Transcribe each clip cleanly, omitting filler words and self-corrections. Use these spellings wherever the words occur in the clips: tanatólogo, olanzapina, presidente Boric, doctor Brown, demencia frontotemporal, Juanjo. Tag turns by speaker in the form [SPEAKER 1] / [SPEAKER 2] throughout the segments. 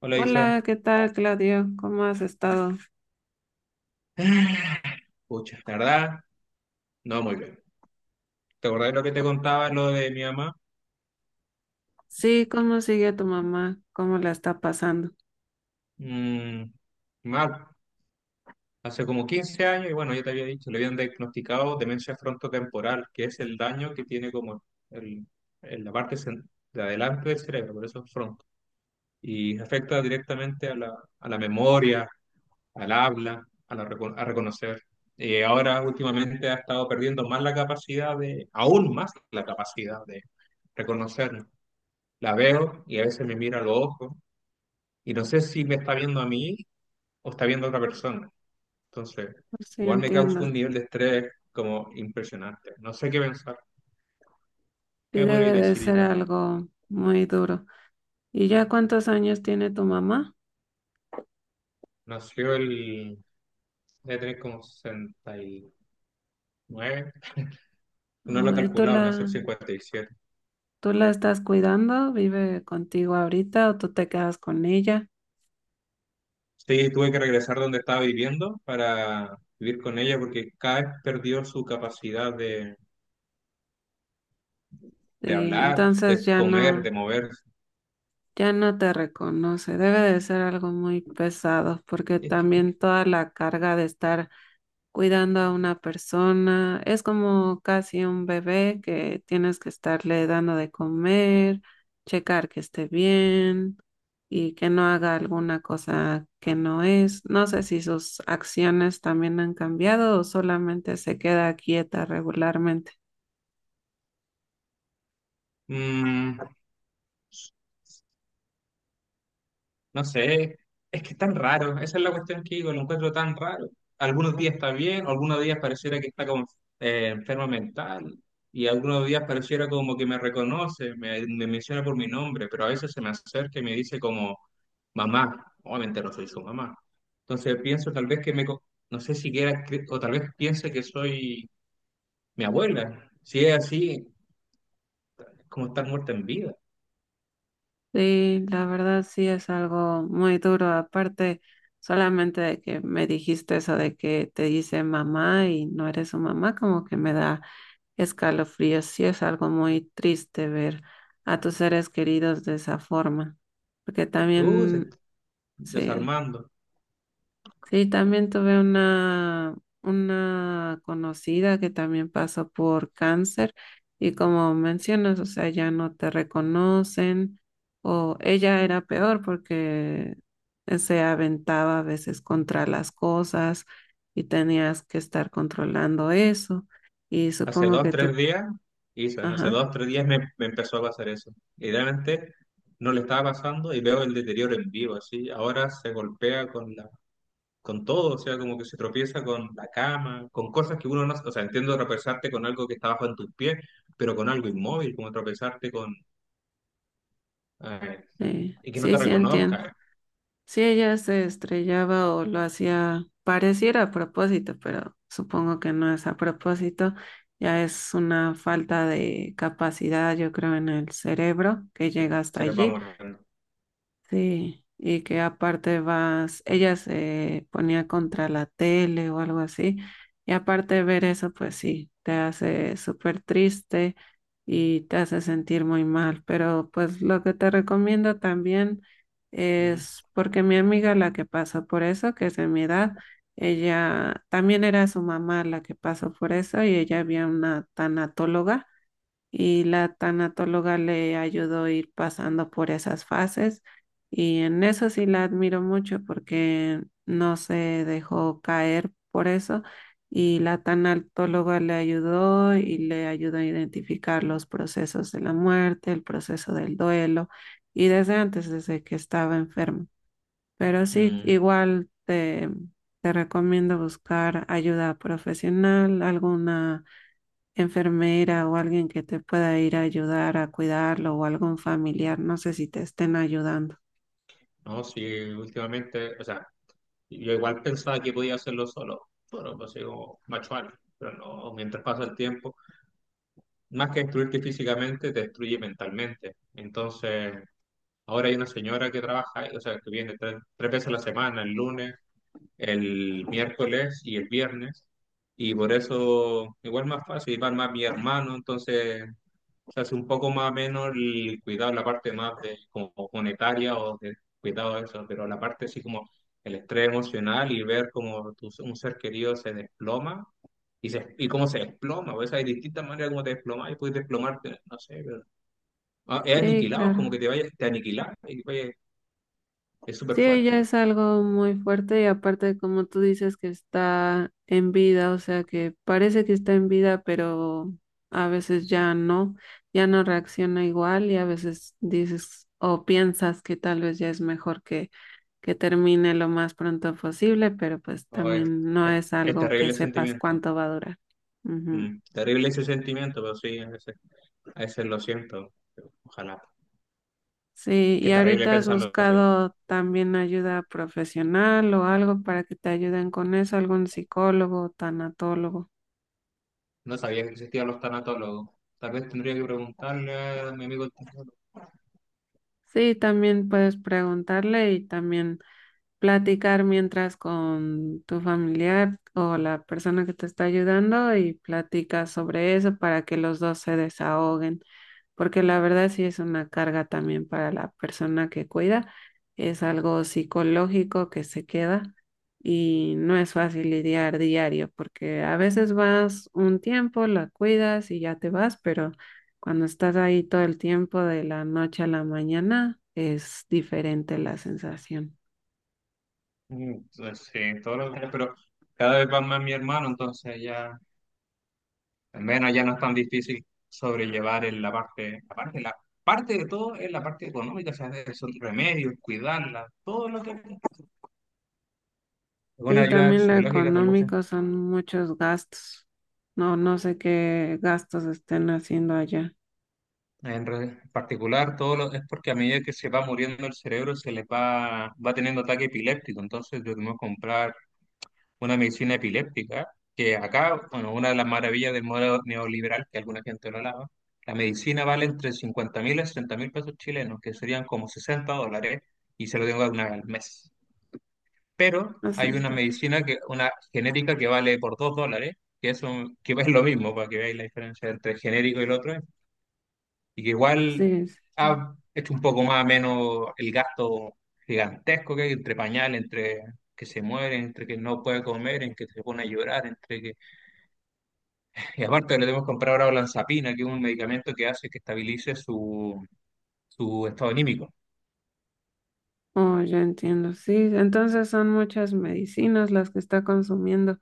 [SPEAKER 1] Hola, Isa.
[SPEAKER 2] Hola, ¿qué tal, Claudio? ¿Cómo has estado?
[SPEAKER 1] Ah, Pucha, la verdad, no muy bien. ¿Te acordás de lo que te contaba, lo de mi mamá?
[SPEAKER 2] Sí, ¿cómo sigue tu mamá? ¿Cómo la está pasando?
[SPEAKER 1] Mm, Mal. Hace como 15 años, y bueno, ya te había dicho, le habían diagnosticado demencia frontotemporal, que es el daño que tiene como el, el- la parte cen- de adelante del cerebro, por eso es fronto. Y afecta directamente a la memoria, al habla, a reconocer. Y ahora últimamente ha estado perdiendo más aún más la capacidad de reconocer. La veo y a veces me mira a los ojos y no sé si me está viendo a mí o está viendo a otra persona. Entonces,
[SPEAKER 2] Sí,
[SPEAKER 1] igual me causa
[SPEAKER 2] entiendo.
[SPEAKER 1] un nivel de estrés como impresionante. No sé qué pensar.
[SPEAKER 2] Sí,
[SPEAKER 1] ¿Qué me podrías
[SPEAKER 2] debe de
[SPEAKER 1] decir,
[SPEAKER 2] ser
[SPEAKER 1] Isa?
[SPEAKER 2] algo muy duro. ¿Y ya cuántos años tiene tu mamá?
[SPEAKER 1] Nació el... de tener como 69. No lo he
[SPEAKER 2] Oh, ¿y
[SPEAKER 1] calculado, nació el 57.
[SPEAKER 2] tú la estás cuidando? ¿Vive contigo ahorita o tú te quedas con ella?
[SPEAKER 1] Sí, tuve que regresar donde estaba viviendo para vivir con ella porque cada vez perdió su capacidad de,
[SPEAKER 2] Sí,
[SPEAKER 1] de hablar,
[SPEAKER 2] entonces
[SPEAKER 1] de
[SPEAKER 2] ya
[SPEAKER 1] comer,
[SPEAKER 2] no,
[SPEAKER 1] de moverse.
[SPEAKER 2] ya no te reconoce. Debe de ser algo muy pesado porque
[SPEAKER 1] Es que, es que-
[SPEAKER 2] también toda la carga de estar cuidando a una persona. Es como casi un bebé que tienes que estarle dando de comer, checar que esté bien y que no haga alguna cosa que no es. No sé si sus acciones también han cambiado o solamente se queda quieta regularmente.
[SPEAKER 1] Mm, No sé, es que es tan raro, esa es la cuestión que digo, lo encuentro tan raro. Algunos días está bien, algunos días pareciera que está como enferma mental, y algunos días pareciera como que me reconoce, me menciona por mi nombre, pero a veces se me acerca y me dice como mamá. Obviamente no soy su mamá. Entonces pienso tal vez que no sé siquiera, o tal vez piense que soy mi abuela. Si es así, es como estar muerta en vida.
[SPEAKER 2] Sí, la verdad sí es algo muy duro. Aparte, solamente de que me dijiste eso de que te dice mamá y no eres su mamá, como que me da escalofríos. Sí es algo muy triste ver a tus seres queridos de esa forma, porque
[SPEAKER 1] Se
[SPEAKER 2] también,
[SPEAKER 1] está
[SPEAKER 2] sí,
[SPEAKER 1] desarmando.
[SPEAKER 2] sí, también tuve una conocida que también pasó por cáncer y como mencionas, o sea, ya no te reconocen o ella era peor porque se aventaba a veces contra las cosas y tenías que estar controlando eso y
[SPEAKER 1] Hace
[SPEAKER 2] supongo
[SPEAKER 1] dos,
[SPEAKER 2] que
[SPEAKER 1] tres
[SPEAKER 2] tú,
[SPEAKER 1] días hizo, ¿no? Hace
[SPEAKER 2] ajá.
[SPEAKER 1] dos, tres días me empezó a pasar eso. Y realmente no le estaba pasando y veo el deterioro en vivo, así. Ahora se golpea con todo, o sea, como que se tropieza con la cama, con cosas que uno no, o sea, entiendo tropezarte con algo que está bajo en tus pies, pero con algo inmóvil, como tropezarte con, eh,
[SPEAKER 2] Sí,
[SPEAKER 1] y que no
[SPEAKER 2] sí,
[SPEAKER 1] te
[SPEAKER 2] sí entiendo.
[SPEAKER 1] reconozca,
[SPEAKER 2] Sí, ella se estrellaba o lo hacía, pareciera a propósito, pero supongo que no es a propósito. Ya es una falta de capacidad, yo creo, en el cerebro que llega hasta
[SPEAKER 1] se les va
[SPEAKER 2] allí.
[SPEAKER 1] muriendo.
[SPEAKER 2] Sí, y que aparte vas, ella se ponía contra la tele o algo así, y aparte de ver eso, pues sí, te hace súper triste y te hace sentir muy mal, pero pues lo que te recomiendo también
[SPEAKER 1] Mm,
[SPEAKER 2] es, porque mi amiga la que pasó por eso, que es de mi edad, ella también era su mamá la que pasó por eso y ella había una tanatóloga y la tanatóloga le ayudó a ir pasando por esas fases y en eso sí la admiro mucho porque no se dejó caer por eso y la tanatóloga le ayudó y le ayudó a identificar los procesos de la muerte, el proceso del duelo y desde antes, desde que estaba enferma. Pero sí,
[SPEAKER 1] mm.
[SPEAKER 2] igual te, te recomiendo buscar ayuda profesional, alguna enfermera o alguien que te pueda ir a ayudar a cuidarlo o algún familiar, no sé si te estén ayudando.
[SPEAKER 1] No, sí, últimamente, o sea, yo igual pensaba que podía hacerlo solo, bueno, pues digo, macho alfa, pero no, mientras pasa el tiempo, más que destruirte físicamente, te destruye mentalmente. Entonces, ahora hay una señora que trabaja, o sea, que viene tres veces a la semana, el lunes, el miércoles y el viernes, y por eso igual más fácil, y van más mi hermano, entonces se hace un poco más o menos el cuidado, la parte más de, como monetaria o de cuidado de eso, pero la parte así como el estrés emocional y ver como un ser querido se desploma y, y cómo se desploma, o sea, hay distintas maneras como te desplomas y puedes desplomarte, no sé, pero ah, es
[SPEAKER 2] Sí,
[SPEAKER 1] aniquilado, es
[SPEAKER 2] claro.
[SPEAKER 1] como que te vayas, te aniquilas y es súper
[SPEAKER 2] Sí, ella
[SPEAKER 1] fuerte.
[SPEAKER 2] es algo muy fuerte y aparte, como tú dices, que está en vida, o sea que parece que está en vida, pero a veces ya no, ya no reacciona igual y a veces dices o piensas que tal vez ya es mejor que termine lo más pronto posible, pero pues
[SPEAKER 1] Ah,
[SPEAKER 2] también no es
[SPEAKER 1] es
[SPEAKER 2] algo que
[SPEAKER 1] terrible ese
[SPEAKER 2] sepas
[SPEAKER 1] sentimiento.
[SPEAKER 2] cuánto va a durar. Ujú.
[SPEAKER 1] Terrible ese sentimiento, pero sí, a veces lo siento, ojalá,
[SPEAKER 2] Sí,
[SPEAKER 1] qué
[SPEAKER 2] ¿y
[SPEAKER 1] terrible
[SPEAKER 2] ahorita has
[SPEAKER 1] pensarlo así.
[SPEAKER 2] buscado también ayuda profesional o algo para que te ayuden con eso, algún psicólogo, tanatólogo?
[SPEAKER 1] No sabía que existían los tanatólogos. Tal vez tendría que preguntarle a mi amigo el tanatólogo.
[SPEAKER 2] Sí, también puedes preguntarle y también platicar mientras con tu familiar o la persona que te está ayudando y platicas sobre eso para que los dos se desahoguen, porque la verdad sí es una carga también para la persona que cuida, es algo psicológico que se queda y no es fácil lidiar diario, porque a veces vas un tiempo, la cuidas y ya te vas, pero cuando estás ahí todo el tiempo de la noche a la mañana es diferente la sensación.
[SPEAKER 1] Entonces, sí, todos los años, pero cada vez va más mi hermano, entonces ya, al menos ya no es tan difícil sobrellevar en la parte de todo es la parte económica, o sea, esos remedios, cuidarla, todo lo que... Una
[SPEAKER 2] Sí,
[SPEAKER 1] ayuda
[SPEAKER 2] también lo
[SPEAKER 1] psicológica tal vez
[SPEAKER 2] económico son muchos gastos. No, no sé qué gastos estén haciendo allá.
[SPEAKER 1] en particular, es porque a medida que se va muriendo el cerebro se les va teniendo ataque epiléptico, entonces debemos comprar una medicina epiléptica, que acá, bueno, una de las maravillas del modelo neoliberal, que alguna gente lo alaba, la medicina vale entre 50 mil a 60 mil pesos chilenos, que serían como $60, y se lo tengo una vez al mes. Pero
[SPEAKER 2] Así
[SPEAKER 1] hay una
[SPEAKER 2] está, pues.
[SPEAKER 1] medicina, una genérica que vale por $2, que es lo mismo, para que veáis la diferencia entre genérico y el otro, es y que igual
[SPEAKER 2] Sí, sí, sí.
[SPEAKER 1] ha hecho un poco más o menos el gasto gigantesco que hay entre pañales, entre que se muere, entre que no puede comer, entre que se pone a llorar, entre que... Y aparte le debemos comprar ahora olanzapina, que es un medicamento que hace que estabilice su estado anímico.
[SPEAKER 2] Oh, ya entiendo. Sí, entonces son muchas medicinas las que está consumiendo.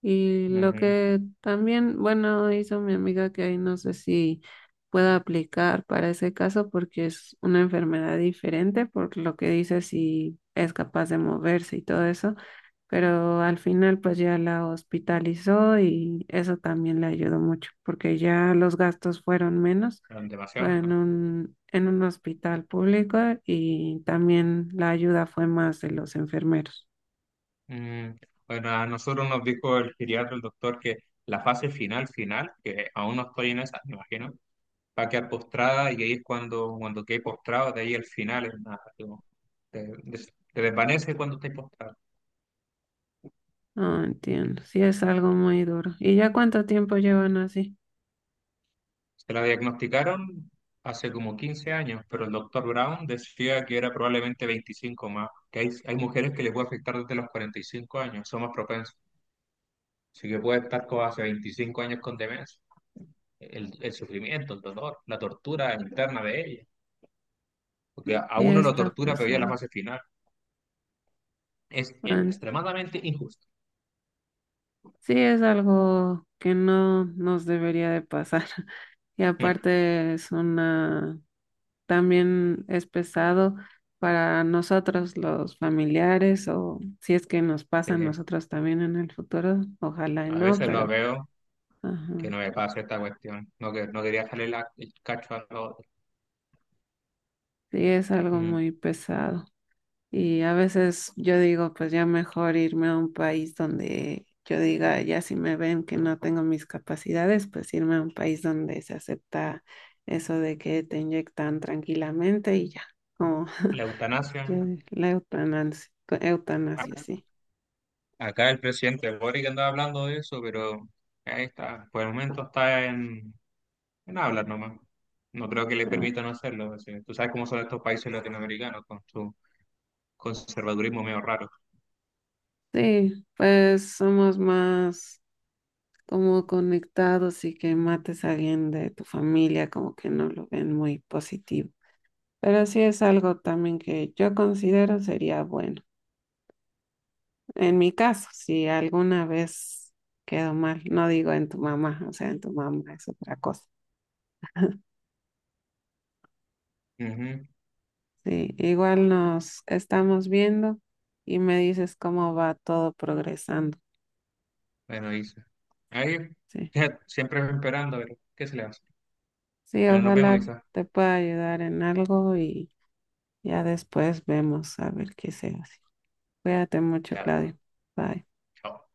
[SPEAKER 2] Y lo
[SPEAKER 1] Ujú.
[SPEAKER 2] que también, bueno, hizo mi amiga que ahí no sé si pueda aplicar para ese caso porque es una enfermedad diferente, por lo que dice si es capaz de moverse y todo eso. Pero al final pues ya la hospitalizó y eso también le ayudó mucho porque ya los gastos fueron menos, fue
[SPEAKER 1] Demasiado,
[SPEAKER 2] en
[SPEAKER 1] ¿no?
[SPEAKER 2] un hospital público y también la ayuda fue más de los enfermeros.
[SPEAKER 1] Mm. Bueno, a nosotros nos dijo el geriatra, el doctor, que la fase final, final, que aún no estoy en esa, me imagino va a quedar postrada y ahí es cuando quede postrado, de ahí al final es nada, como te desvanece cuando estés postrado.
[SPEAKER 2] No entiendo, sí es algo muy duro. ¿Y ya cuánto tiempo llevan así?
[SPEAKER 1] Se la diagnosticaron hace como 15 años, pero el doctor Brown decía que era probablemente 25 más, que hay mujeres que les puede afectar desde los 45 años, son más propensas. Así que puede estar como hace 25 años con demencia. El sufrimiento, el dolor, la tortura interna de ella. Porque a
[SPEAKER 2] Sí
[SPEAKER 1] uno lo
[SPEAKER 2] está
[SPEAKER 1] tortura, pero ya en la
[SPEAKER 2] pesado.
[SPEAKER 1] fase final. Es
[SPEAKER 2] En-
[SPEAKER 1] extremadamente injusto.
[SPEAKER 2] Sí es algo que no nos debería de pasar. Y aparte es una, también es pesado para nosotros los familiares o si es que nos pasa
[SPEAKER 1] Sí,
[SPEAKER 2] a nosotros también en el futuro, ojalá y
[SPEAKER 1] a
[SPEAKER 2] no,
[SPEAKER 1] veces lo
[SPEAKER 2] pero
[SPEAKER 1] veo que
[SPEAKER 2] ajá,
[SPEAKER 1] no me pase esta cuestión. No, no quería salir el cacho
[SPEAKER 2] sí es algo
[SPEAKER 1] mm,
[SPEAKER 2] muy pesado. Y a veces yo digo, pues ya mejor irme a un país donde yo diga, ya si me ven que no tengo mis capacidades, pues irme a un país donde se acepta eso de que te inyectan tranquilamente y ya, como
[SPEAKER 1] la eutanasia.
[SPEAKER 2] yo- la eutanasia, eutanasia, sí.
[SPEAKER 1] Acá el presidente Boric andaba hablando de eso, pero ahí está. Por el momento está en hablar nomás. No creo que le
[SPEAKER 2] Ah,
[SPEAKER 1] permitan hacerlo así. Tú sabes cómo son estos países latinoamericanos con su conservadurismo medio raro.
[SPEAKER 2] sí, pues somos más como conectados y que mates a alguien de tu familia como que no lo ven muy positivo. Pero sí es algo también que yo considero sería bueno. En mi caso, si alguna vez quedó mal, no digo en tu mamá, o sea, en tu mamá es otra cosa.
[SPEAKER 1] Ujú.
[SPEAKER 2] Sí, igual nos estamos viendo y me dices cómo va todo progresando.
[SPEAKER 1] Bueno, Isa. Ahí,
[SPEAKER 2] Sí,
[SPEAKER 1] siempre esperando, pero ¿qué se le hace?
[SPEAKER 2] sí,
[SPEAKER 1] Bueno, nos vemos,
[SPEAKER 2] ojalá
[SPEAKER 1] Isa.
[SPEAKER 2] te pueda ayudar en algo y... Ya después vemos a ver qué se hace. Cuídate mucho,
[SPEAKER 1] Ya,
[SPEAKER 2] Claudio. Bye.
[SPEAKER 1] chao.